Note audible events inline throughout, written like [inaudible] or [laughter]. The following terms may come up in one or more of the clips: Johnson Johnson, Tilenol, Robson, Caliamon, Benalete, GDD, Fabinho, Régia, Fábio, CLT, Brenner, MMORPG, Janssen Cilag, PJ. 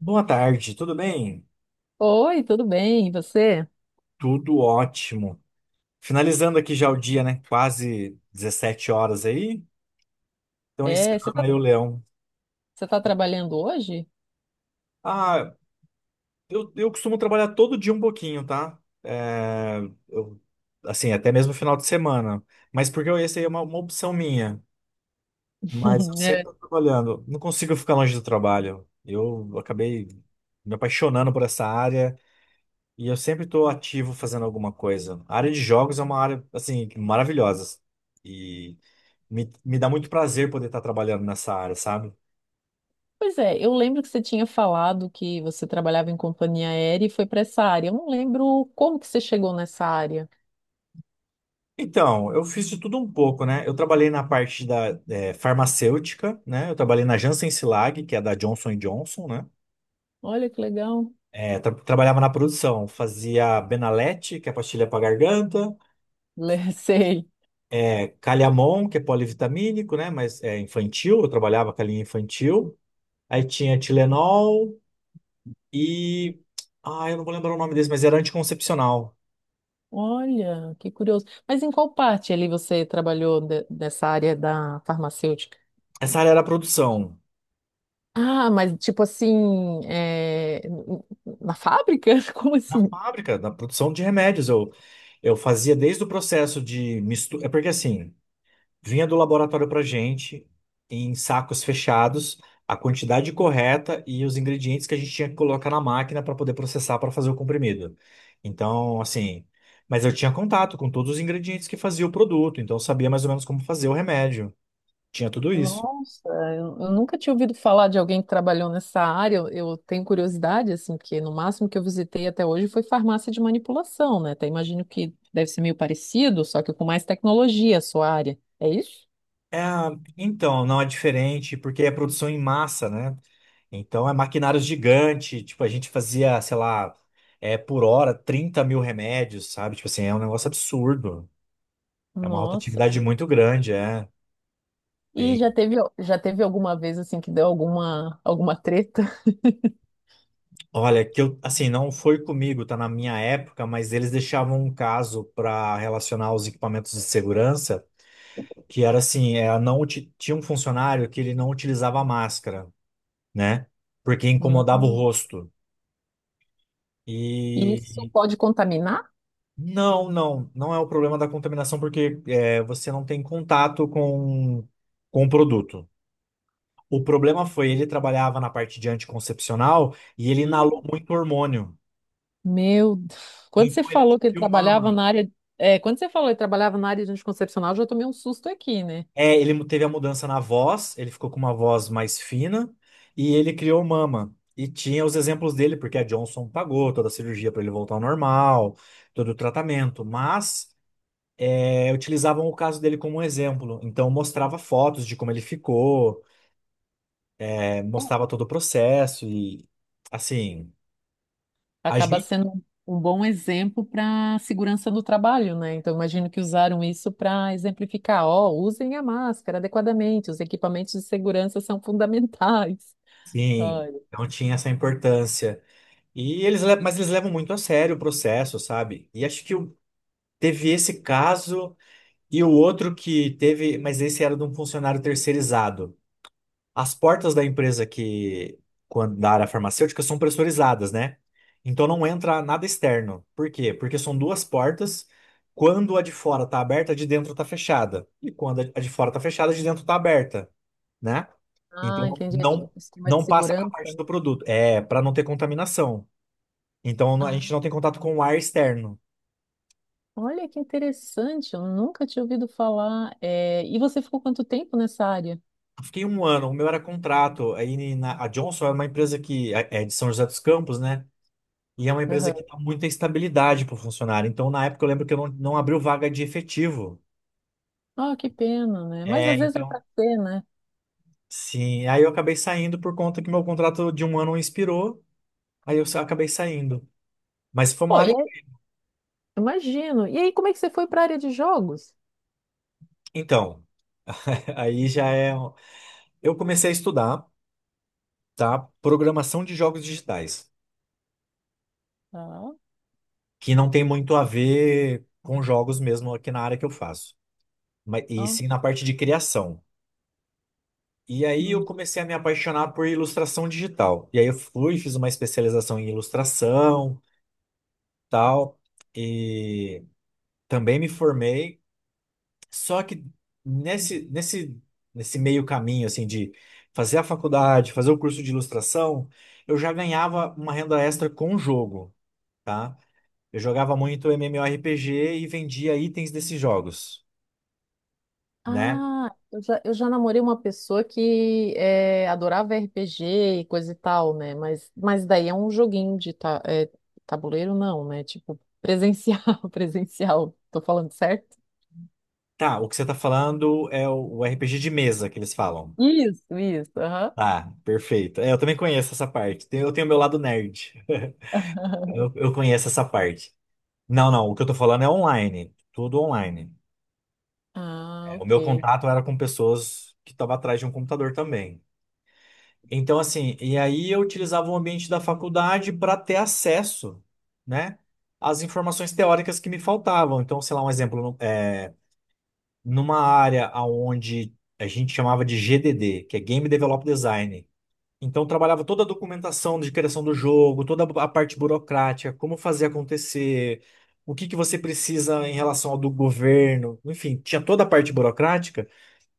Boa tarde, tudo bem? Oi, tudo bem? E você? Tudo ótimo. Finalizando aqui já o dia, né? Quase 17 horas aí. Então, É, você encerrando tá, aí o leão. você tá trabalhando hoje? Ah, eu costumo trabalhar todo dia um pouquinho, tá? É, eu- assim, até mesmo final de semana. Mas essa aí é uma opção minha. Mas eu [laughs] sempre É. tô trabalhando. Não consigo ficar longe do trabalho. Eu acabei me apaixonando por essa área. E eu sempre estou ativo fazendo alguma coisa. A área de jogos é uma área, assim, maravilhosa. E me dá muito prazer poder estar trabalhando nessa área, sabe? Pois é, eu lembro que você tinha falado que você trabalhava em companhia aérea e foi para essa área. Eu não lembro como que você chegou nessa área. Então, eu fiz de tudo um pouco, né? Eu trabalhei na parte da farmacêutica, né? Eu trabalhei na Janssen Cilag, que é da Johnson Johnson, né? Olha que legal. Trabalhava na produção, fazia Benalete, que é pastilha para garganta, [laughs] Sei. Caliamon, que é polivitamínico, né? Mas é infantil, eu trabalhava com a linha infantil. Aí tinha Tilenol, E. Ah, eu não vou lembrar o nome desse, mas era anticoncepcional. Olha, que curioso. Mas em qual parte ali você trabalhou dessa área da farmacêutica? Essa área era a produção. Ah, mas tipo assim, na fábrica? [laughs] Como A assim? fábrica, da produção de remédios. Eu fazia desde o processo de mistura. É porque assim, vinha do laboratório pra gente, em sacos fechados, a quantidade correta e os ingredientes que a gente tinha que colocar na máquina para poder processar para fazer o comprimido. Então, assim. Mas eu tinha contato com todos os ingredientes que fazia o produto, então eu sabia mais ou menos como fazer o remédio. Tinha tudo isso. Nossa, eu nunca tinha ouvido falar de alguém que trabalhou nessa área. Eu tenho curiosidade, assim, porque no máximo que eu visitei até hoje foi farmácia de manipulação, né? Até imagino que deve ser meio parecido, só que com mais tecnologia a sua área. É isso? É, então, não é diferente, porque é produção em massa, né? Então é maquinário gigante, tipo, a gente fazia, sei lá, por hora 30 mil remédios, sabe? Tipo assim, é um negócio absurdo. É uma Nossa. rotatividade muito grande, é. E E, já teve alguma vez, assim, que deu alguma, alguma treta? olha, que eu, assim, não foi comigo, tá na minha época, mas eles deixavam um caso para relacionar os equipamentos de segurança, que era assim, é, não, uti- tinha um funcionário que ele não utilizava máscara, né? Porque incomodava o Uhum. rosto. Uhum. E isso pode contaminar? Não, não, não é o problema da contaminação porque é, você não tem contato com o produto. O problema foi ele trabalhava na parte de anticoncepcional e ele inalou Hum. muito hormônio. Meu Deus. Quando você Então ele falou que ele adquiriu trabalhava mama. na área, é, Quando você falou que ele trabalhava na área de anticoncepcional, eu já tomei um susto aqui, né? É, ele teve a mudança na voz, ele ficou com uma voz mais fina e ele criou mama. E tinha os exemplos dele, porque a Johnson pagou toda a cirurgia para ele voltar ao normal, todo o tratamento, mas utilizavam o caso dele como um exemplo. Então mostrava fotos de como ele ficou. Mostrava todo o processo e, assim, a Acaba gente, sendo um bom exemplo para segurança no trabalho, né? Então, imagino que usaram isso para exemplificar, ó, usem a máscara adequadamente, os equipamentos de segurança são fundamentais. [laughs] sim, Olha. não tinha essa importância. Mas eles levam muito a sério o processo, sabe? Teve esse caso e o outro que teve, mas esse era de um funcionário terceirizado. As portas da empresa que, quando, da área farmacêutica, são pressurizadas, né? Então não entra nada externo. Por quê? Porque são duas portas. Quando a de fora tá aberta, a de dentro tá fechada. E quando a de fora tá fechada, a de dentro tá aberta. Né? Ah, Então entendi. É tipo um esquema de não passa para a parte segurança. do produto, é para não ter contaminação. A Ah, gente não tem contato com o ar externo. olha que interessante, eu nunca tinha ouvido falar. É, e você ficou quanto tempo nessa área? Eu fiquei 1 ano, o meu era contrato. A Johnson é uma empresa que é de São José dos Campos, né? E é uma empresa que Aham. dá muita estabilidade para o funcionário. Então na época eu lembro que eu não abriu vaga de efetivo. Ah, que pena, né? Mas É, às vezes é então para ser, né? sim. Aí eu acabei saindo por conta que meu contrato de 1 ano expirou. Acabei saindo. Mas foi uma Pô, área. Imagino. E aí, como é que você foi para a área de jogos? Então, [laughs] aí já é. Um, Eu comecei a estudar, tá? Programação de jogos digitais, Ah, que não tem muito a ver com jogos mesmo aqui na área que eu faço, mas e ó. sim na parte de criação. E aí eu Uhum. comecei a me apaixonar por ilustração digital. E aí eu fui, fiz uma especialização em ilustração, tal, e também me formei. Só que nesse nesse nesse meio caminho assim de fazer a faculdade, fazer o curso de ilustração, eu já ganhava uma renda extra com o jogo, tá? Eu jogava muito MMORPG e vendia itens desses jogos, né? Ah, eu já namorei uma pessoa que adorava RPG e coisa e tal, né? Mas daí é um joguinho de tabuleiro, não, né? Tipo, presencial, [laughs] presencial. Tô falando certo? Tá, o que você tá falando é o RPG de mesa que eles falam. Isso, aham. Tá, perfeito. É, eu também conheço essa parte. Eu tenho meu lado nerd. [laughs] [laughs] Eu conheço essa parte. Não, não, o que eu tô falando é online. Tudo online. Ah, É, o ok. meu contato era com pessoas que estavam atrás de um computador também. Então, assim, e aí eu utilizava o ambiente da faculdade para ter acesso, né? Às informações teóricas que me faltavam. Então, sei lá, um exemplo. Numa área onde a gente chamava de GDD, que é Game Develop Design. Então, trabalhava toda a documentação de criação do jogo, toda a parte burocrática, como fazer acontecer, o que que você precisa em relação ao do governo, enfim, tinha toda a parte burocrática.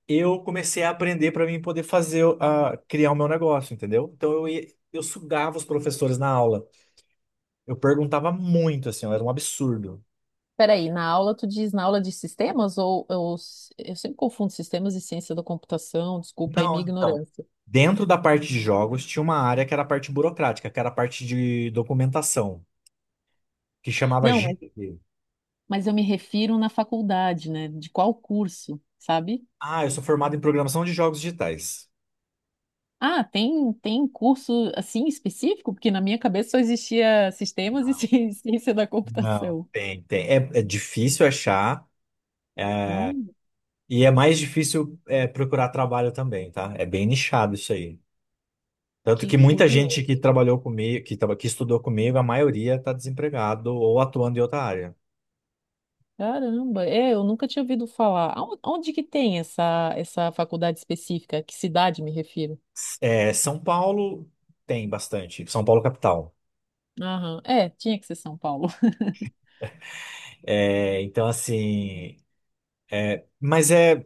Eu comecei a aprender para mim poder fazer, a, criar o meu negócio, entendeu? Então, eu sugava os professores na aula. Eu perguntava muito, assim, ó, era um absurdo. Peraí, na aula tu diz na aula de sistemas ou, eu sempre confundo sistemas e ciência da computação, desculpa aí Não, minha então. ignorância. Dentro da parte de jogos tinha uma área que era a parte burocrática, que era a parte de documentação, que chamava Não, GDD. mas eu me refiro na faculdade, né? De qual curso, sabe? Ah, eu sou formado em programação de jogos digitais. Ah, tem, tem curso assim específico? Porque na minha cabeça só existia sistemas e [laughs] Não, ciência da não, computação. tem, tem. É, é difícil achar Olha, e é mais difícil procurar trabalho também, tá? É bem nichado isso aí. Tanto que que muita gente que curioso. trabalhou comigo, que estudou comigo, a maioria está desempregado ou atuando em outra área. Caramba, é, eu nunca tinha ouvido falar. Onde que tem essa faculdade específica? Que cidade me refiro? É, São Paulo tem bastante, São Paulo capital. Aham, é, tinha que ser São Paulo. [laughs] É, então, assim, mas é,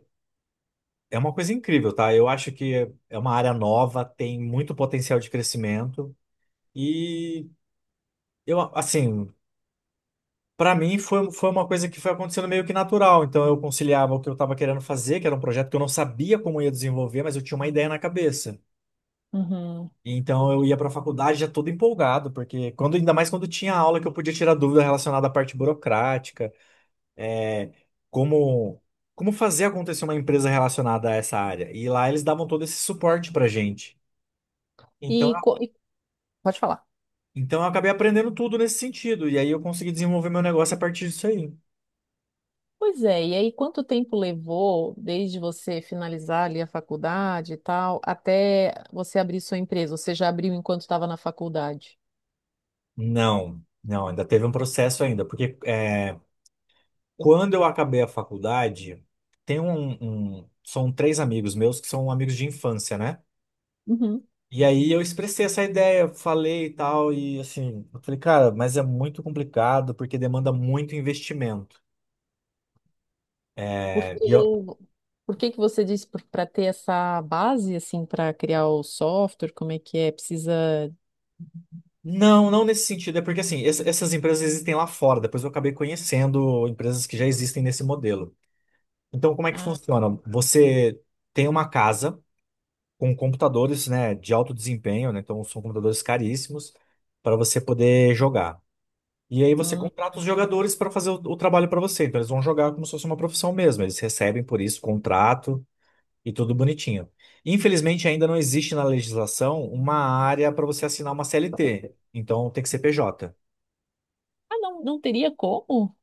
é uma coisa incrível, tá? Eu acho que é uma área nova, tem muito potencial de crescimento. E eu, assim, pra mim foi, foi uma coisa que foi acontecendo meio que natural. Então eu conciliava o que eu estava querendo fazer, que era um projeto que eu não sabia como ia desenvolver, mas eu tinha uma ideia na cabeça. Uhum. Então eu ia pra faculdade já todo empolgado, porque quando, ainda mais quando tinha aula que eu podia tirar dúvida relacionada à parte burocrática. é, Como como fazer acontecer uma empresa relacionada a essa área. E lá eles davam todo esse suporte pra gente. Então, E, co- e- pode falar. então eu acabei aprendendo tudo nesse sentido. E aí eu consegui desenvolver meu negócio a partir disso aí. Pois é, e aí quanto tempo levou desde você finalizar ali a faculdade e tal, até você abrir sua empresa? Ou você já abriu enquanto estava na faculdade? Não, não, ainda teve um processo ainda, porque é, quando eu acabei a faculdade, são 3 amigos meus que são amigos de infância, né? Uhum. E aí eu expressei essa ideia, falei e tal, e assim, eu falei, cara, mas é muito complicado porque demanda muito investimento. Porque, por que que você disse para ter essa base assim para criar o software, como é que é? Precisa. Não, não nesse sentido. É porque assim, essas empresas existem lá fora. Depois eu acabei conhecendo empresas que já existem nesse modelo. Então, como é que Ah, funciona? Você tem uma casa com computadores, né, de alto desempenho, né? Então são computadores caríssimos para você poder jogar. E aí você hum. contrata os jogadores para fazer o trabalho para você. Então eles vão jogar como se fosse uma profissão mesmo. Eles recebem por isso contrato e tudo bonitinho. Infelizmente ainda não existe na legislação uma área para você assinar uma CLT. Então tem que ser PJ. Ah, não, não teria como?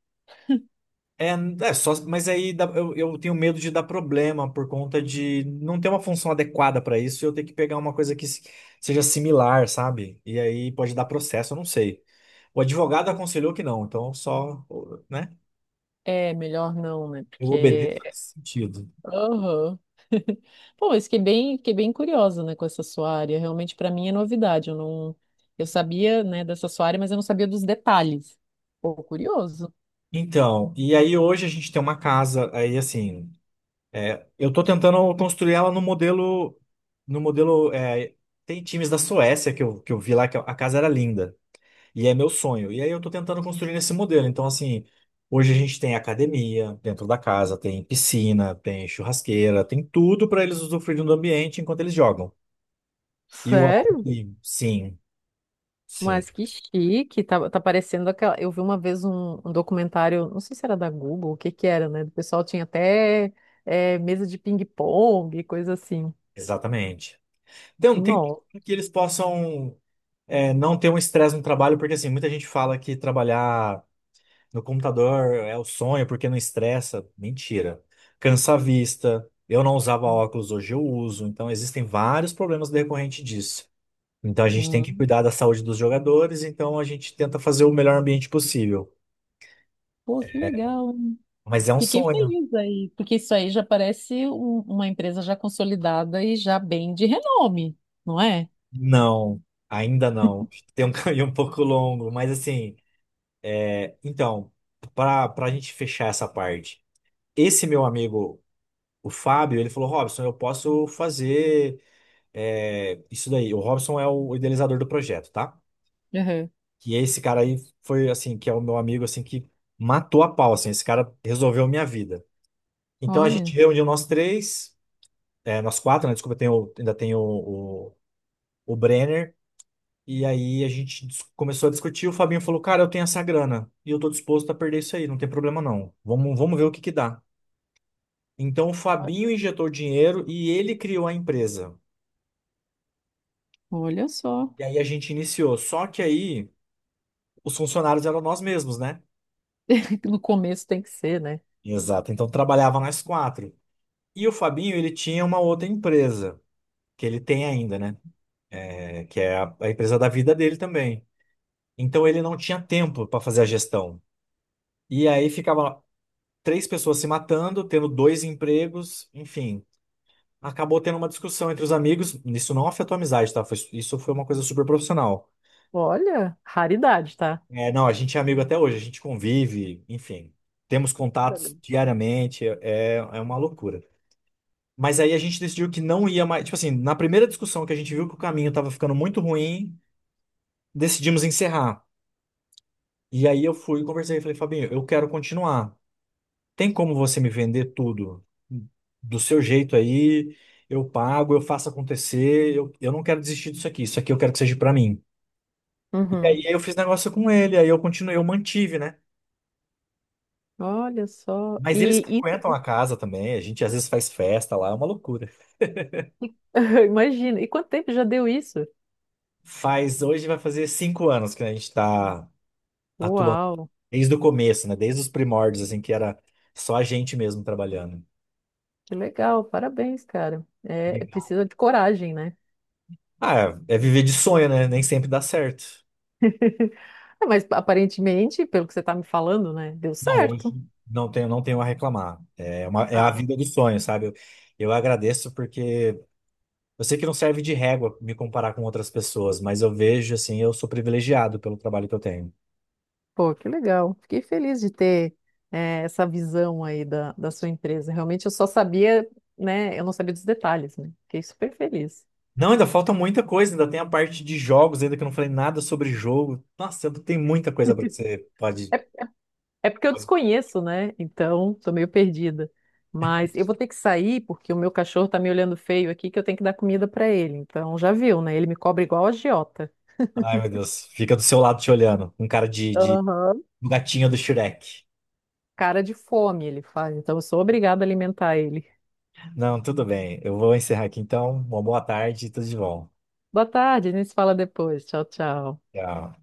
É, é só, mas eu tenho medo de dar problema por conta de não ter uma função adequada para isso, e eu ter que pegar uma coisa que se- seja similar, sabe? E aí pode dar processo, eu não sei. O advogado aconselhou que não, então só, né? É, melhor não, né? Eu obedeço Porque, nesse sentido. aham. [laughs] Pô, mas fiquei bem curiosa, né, com essa sua área. Realmente para mim é novidade, eu não eu sabia, né, dessa sua área, mas eu não sabia dos detalhes. Pô, curioso. Então, e aí hoje a gente tem uma casa, aí assim, é, eu tô tentando construir ela no modelo, no modelo, é, tem times da Suécia que eu vi lá que a casa era linda. E é meu sonho. E aí eu tô tentando construir esse modelo. Então, assim, hoje a gente tem academia dentro da casa, tem piscina, tem churrasqueira, tem tudo para eles usufruírem do ambiente enquanto eles jogam. E o Sério? ambiente, sim, sim, Mas que chique, tá, tá parecendo aquela. Eu vi uma vez um documentário, não sei se era da Google, o que que era, né? O pessoal tinha até mesa de ping-pong, coisa assim. exatamente. Então, tem Nossa. tudo que eles possam não ter um estresse no trabalho, porque assim, muita gente fala que trabalhar no computador é o sonho porque não estressa. Mentira. Cansa a vista. Eu não usava óculos, hoje eu uso. Então, existem vários problemas decorrentes disso. Então a gente tem que Hum. cuidar da saúde dos jogadores, então a gente tenta fazer o melhor ambiente possível. Pô, que legal. Mas é um Fiquei sonho. feliz aí, porque isso aí já parece uma empresa já consolidada e já bem de renome, não é? Não, ainda não. Tem um [laughs] caminho um pouco longo, mas assim, então, para a gente fechar essa parte, esse meu amigo, o Fábio, ele falou: Robson, eu posso fazer isso daí. O Robson é o idealizador do projeto, tá? Aham. E esse cara aí foi assim, que é o meu amigo assim que matou a pau, assim, esse cara resolveu minha vida. Então a Olha, gente reuniu nós 3. É, nós 4, né? Desculpa, ainda tem o Brenner. E aí começou a discutir. O Fabinho falou: Cara, eu tenho essa grana e eu tô disposto a perder isso aí, não tem problema não. Vamos, vamos ver o que que dá. Então o Fabinho injetou o dinheiro e ele criou a empresa. olha só. E aí a gente iniciou. Só que aí os funcionários eram nós mesmos, né? [laughs] No começo tem que ser, né? Exato. Então trabalhava nós 4. E o Fabinho, ele tinha uma outra empresa, que ele tem ainda, né? É, que é a empresa da vida dele também. Então ele não tinha tempo para fazer a gestão. E aí ficava 3 pessoas se matando, tendo 2 empregos, enfim. Acabou tendo uma discussão entre os amigos. Isso não afetou a amizade, tá? Isso foi uma coisa super profissional. Olha, raridade, tá? É, não, a gente é amigo até hoje, a gente convive, enfim. Temos contatos diariamente, é, é uma loucura. Mas aí a gente decidiu que não ia mais. Tipo assim, na primeira discussão que a gente viu que o caminho estava ficando muito ruim, decidimos encerrar. E aí eu fui e conversei, falei, Fabinho, eu quero continuar. Tem como você me vender tudo do seu jeito aí? Eu pago, eu faço acontecer. Eu não quero desistir disso aqui. Isso aqui eu quero que seja pra mim. E Uhum. aí eu fiz negócio com ele, aí eu continuei, eu mantive, né? Olha só. Mas eles E, frequentam a casa também. A gente às vezes faz festa lá, é uma loucura. [laughs] imagina. E quanto tempo já deu isso? Faz, hoje vai fazer 5 anos que a gente tá atuando. Uau, Desde o começo, né? Desde os primórdios, assim, que era só a gente mesmo trabalhando. que legal, parabéns, cara. É, é Legal. precisa de coragem, né? Ah, é é viver de sonho, né? Nem sempre dá certo. [laughs] Ah, mas aparentemente, pelo que você está me falando, né, deu Não, hoje certo. não tenho, não tenho a reclamar. É uma, é a Ah, vida dos sonhos, sabe? Eu agradeço porque eu sei que não serve de régua me comparar com outras pessoas, mas eu vejo assim, eu sou privilegiado pelo trabalho que eu tenho. pô, que legal. Fiquei feliz de ter essa visão aí da sua empresa. Realmente eu só sabia, né, eu não sabia dos detalhes, né? Fiquei super feliz. Não, ainda falta muita coisa, ainda tem a parte de jogos, ainda que eu não falei nada sobre jogo. Nossa, tem muita coisa pra que [laughs] você É. pode. É porque eu desconheço, né? Então, tô meio perdida. Mas eu vou ter que sair porque o meu cachorro tá me olhando feio aqui que eu tenho que dar comida pra ele. Então, já viu, né? Ele me cobra igual a agiota. Ai, meu Deus, fica do seu lado te olhando, um cara de Aham. um gatinho do Shrek. Cara de fome ele faz. Então, eu sou obrigada a alimentar ele. Não, tudo bem, eu vou encerrar aqui então. Uma boa tarde e tudo de bom. Boa tarde, a gente se fala depois. Tchau, tchau. Tchau.